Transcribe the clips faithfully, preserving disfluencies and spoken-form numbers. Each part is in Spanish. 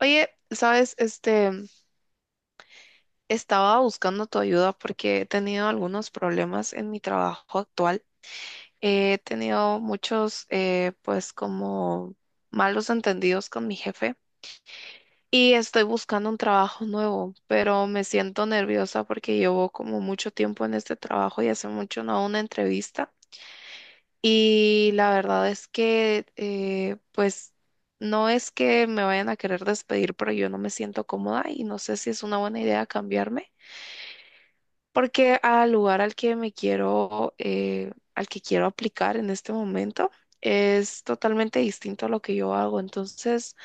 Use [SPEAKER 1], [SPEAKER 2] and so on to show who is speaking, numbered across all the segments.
[SPEAKER 1] Oye, sabes, este, estaba buscando tu ayuda porque he tenido algunos problemas en mi trabajo actual. He tenido muchos, eh, pues, como malos entendidos con mi jefe y estoy buscando un trabajo nuevo, pero me siento nerviosa porque llevo como mucho tiempo en este trabajo y hace mucho no hago una entrevista. Y la verdad es que, eh, pues, no es que me vayan a querer despedir, pero yo no me siento cómoda y no sé si es una buena idea cambiarme, porque al lugar al que me quiero, eh, al que quiero aplicar en este momento es totalmente distinto a lo que yo hago. Entonces,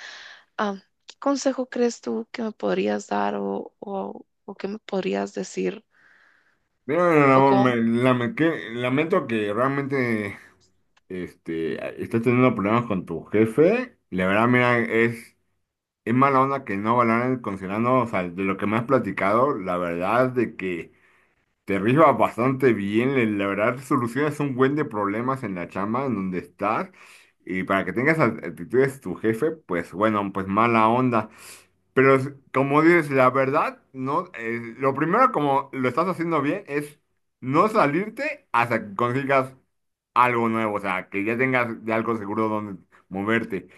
[SPEAKER 1] ah, ¿qué consejo crees tú que me podrías dar o, o, o qué me podrías decir?
[SPEAKER 2] Bueno,
[SPEAKER 1] ¿O
[SPEAKER 2] Ramón,
[SPEAKER 1] cómo?
[SPEAKER 2] me lame- que- lamento que realmente este, estés teniendo problemas con tu jefe. La verdad, mira, es, es mala onda que no valoren considerando, o sea, de lo que me has platicado, la verdad de que te rifas bastante bien, le- la verdad solucionas un buen de problemas en la chamba en donde estás. Y para que tengas actitudes tu jefe, pues bueno, pues mala onda. Pero es- como dices, la verdad, no, eh, lo primero como lo estás haciendo bien es no salirte hasta que consigas algo nuevo, o sea, que ya tengas de algo seguro donde moverte.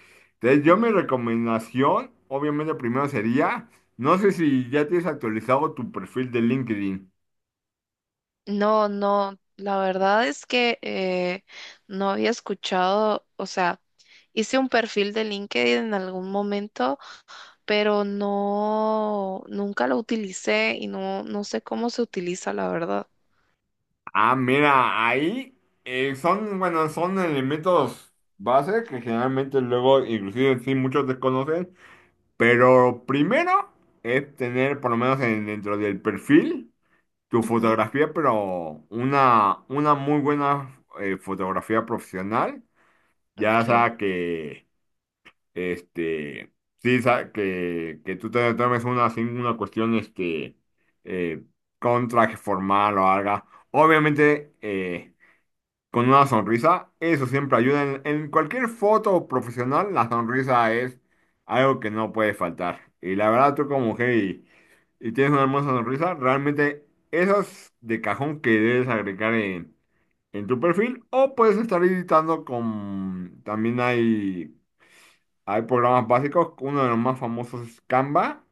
[SPEAKER 2] Entonces, yo
[SPEAKER 1] Ujú.
[SPEAKER 2] mi recomendación, obviamente, primero sería, no sé si ya tienes actualizado tu perfil de LinkedIn.
[SPEAKER 1] No, no, la verdad es que eh, no había escuchado, o sea, hice un perfil de LinkedIn en algún momento, pero no, nunca lo utilicé y no, no sé cómo se utiliza, la verdad.
[SPEAKER 2] Ah, mira, ahí eh, son, bueno, son elementos base que generalmente luego, inclusive, sí, muchos desconocen. Pero primero es tener, por lo menos en- dentro del perfil, tu
[SPEAKER 1] Ujú.
[SPEAKER 2] fotografía, pero una, una muy buena eh, fotografía profesional. Ya
[SPEAKER 1] Okay.
[SPEAKER 2] sea que, este, sí, sa- que, que tú te tomes una, así, una cuestión, este, eh, con traje formal o algo. Obviamente, eh, con una sonrisa, eso siempre ayuda. En, en cualquier foto profesional, la sonrisa es algo que no puede faltar. Y la verdad, tú como mujer y, y tienes una hermosa sonrisa, realmente esas de cajón que debes agregar en, en tu perfil o puedes estar editando con... También hay, hay programas básicos, uno de los más famosos es Canva.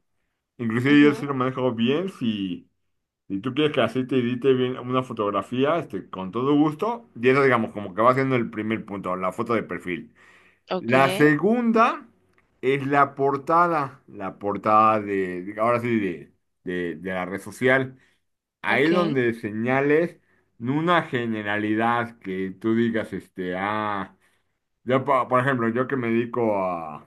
[SPEAKER 2] Inclusive yo
[SPEAKER 1] Ujú.
[SPEAKER 2] sí lo manejo bien, si... si tú quieres que así te edite bien una fotografía, este, con todo gusto, y eso digamos como que va siendo el primer punto, la foto de perfil. La
[SPEAKER 1] Okay.
[SPEAKER 2] segunda es la portada, la portada
[SPEAKER 1] Ujú.
[SPEAKER 2] de, de- ahora sí, de, de, de la red social. Ahí
[SPEAKER 1] Okay.
[SPEAKER 2] donde señales una generalidad que tú digas, este, ah, yo, po- por ejemplo, yo que me dedico a,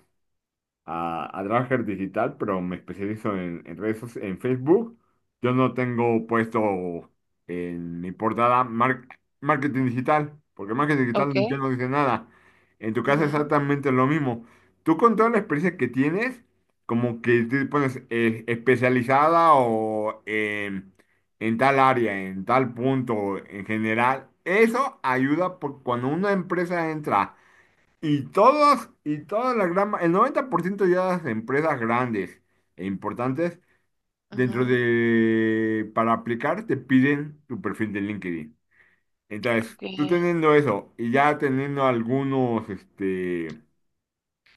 [SPEAKER 2] a trabajar digital, pero me especializo en, en redes soci- en Facebook. Yo no tengo puesto en mi portada mar- marketing digital, porque marketing digital ya
[SPEAKER 1] Okay.
[SPEAKER 2] no dice nada. En tu caso es
[SPEAKER 1] Ujú.
[SPEAKER 2] exactamente lo mismo. Tú con toda la experiencia que tienes, como que te pones eh, especializada o en en tal área, en tal punto, en general, eso ayuda por cuando una empresa entra. Y todas, y toda la gran, ma- el noventa por ciento de las empresas grandes e importantes, dentro
[SPEAKER 1] Ujú.
[SPEAKER 2] de, para aplicar, te piden tu perfil de LinkedIn. Entonces, tú
[SPEAKER 1] Okay.
[SPEAKER 2] teniendo eso y ya teniendo algunos, este,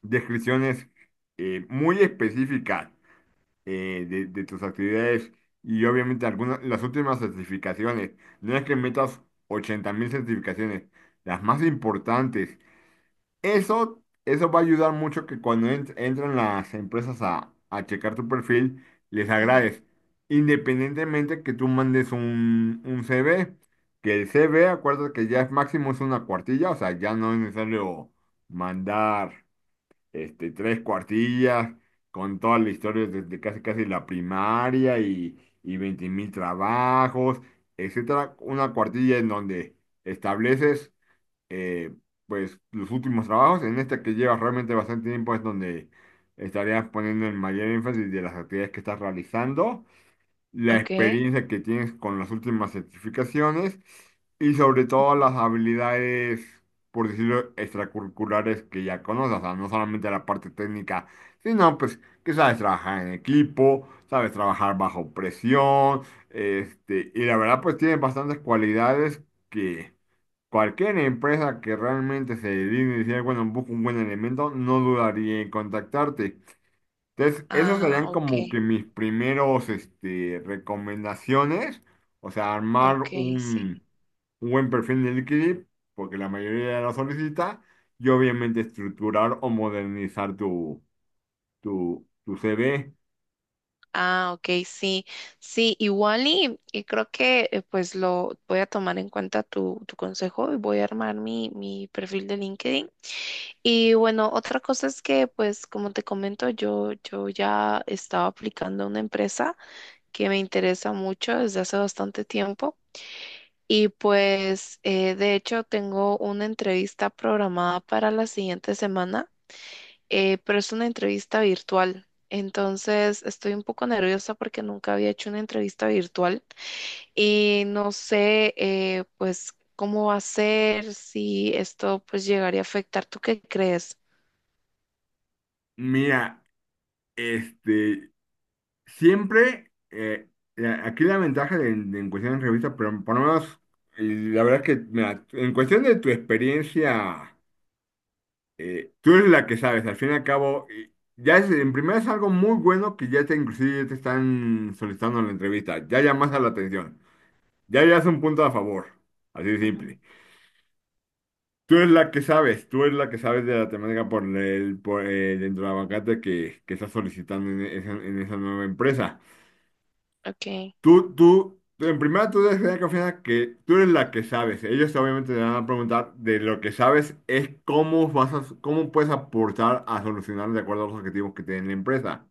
[SPEAKER 2] descripciones eh, muy específicas eh, de, de tus actividades y obviamente algunas, las últimas certificaciones, no es que metas ochenta mil certificaciones, las más importantes eso, eso va a ayudar mucho que cuando ent- entran las empresas a, a checar tu perfil, les
[SPEAKER 1] Ujú.
[SPEAKER 2] agrades. Independientemente que tú mandes un, un C V, que el C V, acuérdate que ya es máximo es una cuartilla, o sea, ya no es necesario mandar este, tres cuartillas con toda la historia desde casi casi la primaria y, y veinte mil trabajos, etcétera. Una cuartilla en donde estableces eh, pues los últimos trabajos, en este que llevas realmente bastante tiempo es donde estarías poniendo el mayor énfasis de las actividades que estás realizando, la
[SPEAKER 1] Okay.
[SPEAKER 2] experiencia que tienes con las últimas certificaciones y sobre todo
[SPEAKER 1] Ujú.
[SPEAKER 2] las habilidades, por decirlo, extracurriculares que ya conoces, o sea, no solamente la parte técnica, sino pues que sabes trabajar en equipo, sabes trabajar bajo presión, este, y la verdad pues tienes bastantes cualidades que cualquier empresa que realmente se dedique a decir, bueno, busco un buen elemento, no dudaría en contactarte. Entonces, esas
[SPEAKER 1] Ah,
[SPEAKER 2] serían como que
[SPEAKER 1] okay.
[SPEAKER 2] mis primeros, este, recomendaciones. O sea, armar
[SPEAKER 1] Okay, sí.
[SPEAKER 2] un, un buen perfil de LinkedIn, porque la mayoría lo solicita, y obviamente estructurar o modernizar tu, tu, tu C V.
[SPEAKER 1] Ah, okay, sí. Sí, igual y, y creo que eh, pues lo voy a tomar en cuenta tu, tu consejo y voy a armar mi, mi perfil de LinkedIn. Y bueno, otra cosa es que, pues, como te comento, yo, yo ya estaba aplicando a una empresa que me interesa mucho desde hace bastante tiempo. Y pues, eh, de hecho, tengo una entrevista programada para la siguiente semana, eh, pero es una entrevista virtual. Entonces, estoy un poco nerviosa porque nunca había hecho una entrevista virtual y no sé, eh, pues, cómo va a ser, si esto, pues, llegaría a afectar. ¿Tú qué crees?
[SPEAKER 2] Mira, este, siempre, eh, la- aquí la ventaja de, de en cuestión de revista, pero por lo menos, y la verdad es que, mira, en cuestión de tu experiencia, eh, tú eres la que sabes, al fin y al cabo, y ya es, en primera es algo muy bueno que ya te inclusive ya te están solicitando la entrevista, ya llamas a la atención, ya ya es un punto a favor, así de
[SPEAKER 1] Ujú.
[SPEAKER 2] simple. Tú eres la que sabes, tú eres la que sabes de la temática por el, por el entravacante que, que estás solicitando en esa en esa nueva empresa.
[SPEAKER 1] Ok.
[SPEAKER 2] Tú, tú, tú- en primera tú debes tener confianza que tú eres la que sabes. Ellos obviamente te van a preguntar de lo que sabes es cómo vas a, cómo puedes aportar a solucionar de acuerdo a los objetivos que tiene la empresa.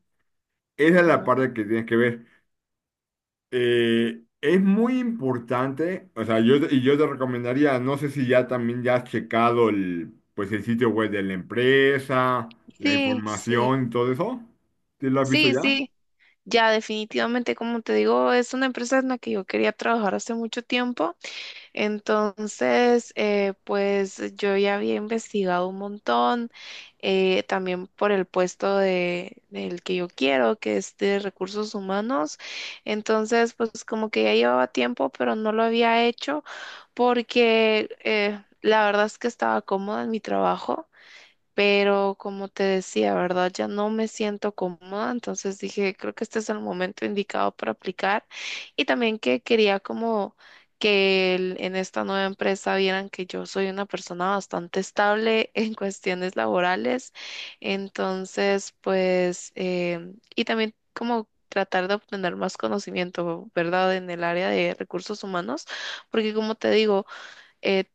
[SPEAKER 2] Esa es la
[SPEAKER 1] Ujú.
[SPEAKER 2] parte que tienes que ver. Eh, es muy importante, o sea, yo, y yo te recomendaría, no sé si ya también ya has checado el, pues el sitio web de la empresa, la
[SPEAKER 1] Sí, sí,
[SPEAKER 2] información y todo eso. ¿Sí lo has visto
[SPEAKER 1] sí,
[SPEAKER 2] ya?
[SPEAKER 1] sí. Ya definitivamente, como te digo, es una empresa en la que yo quería trabajar hace mucho tiempo. Entonces, eh, pues yo ya había investigado un montón, eh, también por el puesto de, del que yo quiero, que es de recursos humanos. Entonces, pues como que ya llevaba tiempo, pero no lo había hecho porque eh, la verdad es que estaba cómoda en mi trabajo. Pero como te decía, ¿verdad? Ya no me siento cómoda, entonces dije, creo que este es el momento indicado para aplicar. Y también que quería como que el- en esta nueva empresa vieran que yo soy una persona bastante estable en cuestiones laborales. Entonces, pues, eh, y también como tratar de obtener más conocimiento, ¿verdad? En el área de recursos humanos, porque como te digo, eh,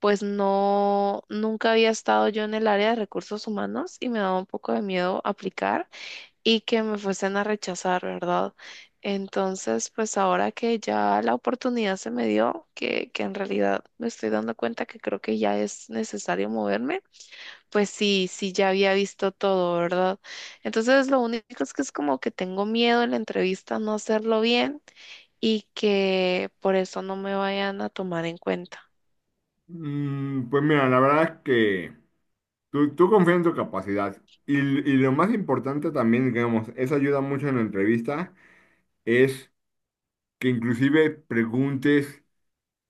[SPEAKER 1] pues no, nunca había estado yo en el área de recursos humanos y me daba un poco de miedo aplicar y que me fuesen a rechazar, ¿verdad? Entonces, pues ahora que ya la oportunidad se me dio, que, que en realidad me estoy dando cuenta que creo que ya es necesario moverme, pues sí, sí, ya había visto todo, ¿verdad? Entonces, lo único es que es como que tengo miedo en la entrevista no hacerlo bien y que por eso no me vayan a tomar en cuenta.
[SPEAKER 2] Mm, pues mira, la verdad es que... Tú, tú confía en tu capacidad. Y, y lo más importante también, digamos, eso ayuda mucho en la entrevista, es que inclusive preguntes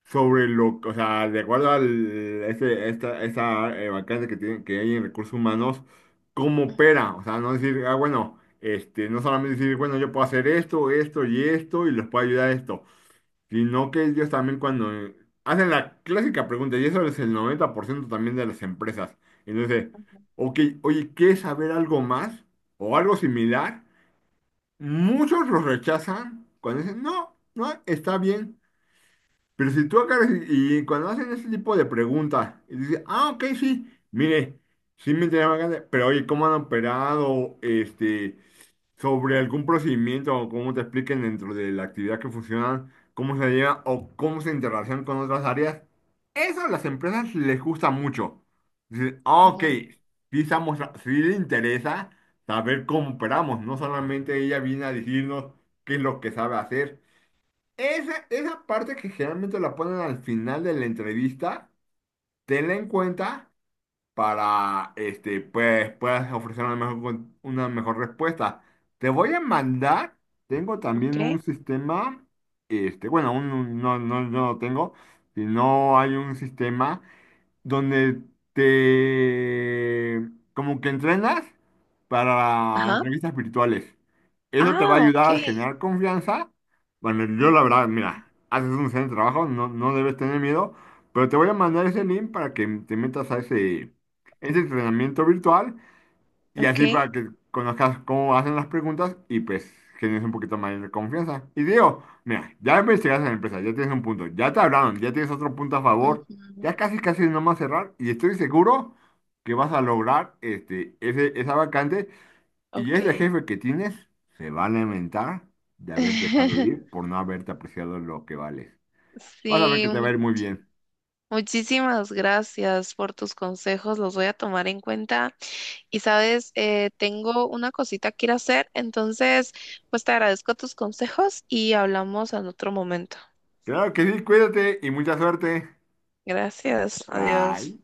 [SPEAKER 2] sobre lo, o sea, de acuerdo a ese, esta, esta eh, vacante que tiene, que hay en recursos humanos, cómo opera. O sea, no decir, ah, bueno, este, no solamente decir, bueno, yo puedo hacer esto, esto y esto, y les puedo ayudar a esto. Sino que ellos también cuando eh, hacen la clásica pregunta, y eso es el noventa por ciento también de las empresas. Entonces, ok, oye, ¿quieres saber algo más o algo similar? Muchos los rechazan cuando dicen, no, no, está bien. Pero si tú agarras y, y cuando hacen ese tipo de preguntas, y dices, ah, ok, sí, mire, sí me interesa bastante, pero oye, ¿cómo han operado este, sobre algún procedimiento o cómo te expliquen dentro de la actividad que funcionan, cómo se lleva o cómo se interrelacionan con otras áreas? Eso a las empresas les gusta mucho. Dicen, ah, ok,
[SPEAKER 1] Ujú.
[SPEAKER 2] sí, estamos, sí le interesa saber cómo operamos, no solamente ella viene a decirnos qué es lo que sabe hacer. Esa, esa parte que generalmente la ponen al final de la entrevista, tenla en cuenta para este, pues, puedas ofrecer una mejor, con- una mejor respuesta. Te voy a mandar, tengo también un
[SPEAKER 1] Ok.
[SPEAKER 2] sistema, este, bueno, un- un- no, no, no lo tengo, sino hay un sistema donde te como que entrenas para
[SPEAKER 1] Ajá.
[SPEAKER 2] entrevistas virtuales. Eso te
[SPEAKER 1] Ah,
[SPEAKER 2] va a
[SPEAKER 1] ok.
[SPEAKER 2] ayudar a generar confianza. Bueno, yo
[SPEAKER 1] Mm.
[SPEAKER 2] la verdad, mira, haces un excelente trabajo, no, no debes tener miedo, pero te voy a mandar ese link para que te metas a ese, ese entrenamiento virtual y
[SPEAKER 1] Ok.
[SPEAKER 2] así para que conozcas cómo hacen las preguntas y pues generes un poquito más de confianza. Y digo, mira, ya investigaste en la empresa, ya tienes un punto, ya te hablaron, ya tienes otro punto a favor,
[SPEAKER 1] Ujú.
[SPEAKER 2] ya casi casi es nomás cerrar y estoy seguro que vas a lograr este, ese, esa vacante y ese
[SPEAKER 1] Ok.
[SPEAKER 2] jefe que tienes se va a lamentar de haber dejado ir por no haberte apreciado lo que vales. Vas a ver que
[SPEAKER 1] Sí,
[SPEAKER 2] te va a
[SPEAKER 1] mu-
[SPEAKER 2] ir muy bien.
[SPEAKER 1] muchísimas gracias por tus consejos, los voy a tomar en cuenta. Y sabes, eh, tengo una cosita que ir a hacer, entonces, pues te agradezco tus consejos y hablamos en otro momento.
[SPEAKER 2] Claro que sí, cuídate y mucha suerte.
[SPEAKER 1] Gracias,
[SPEAKER 2] Bye.
[SPEAKER 1] adiós.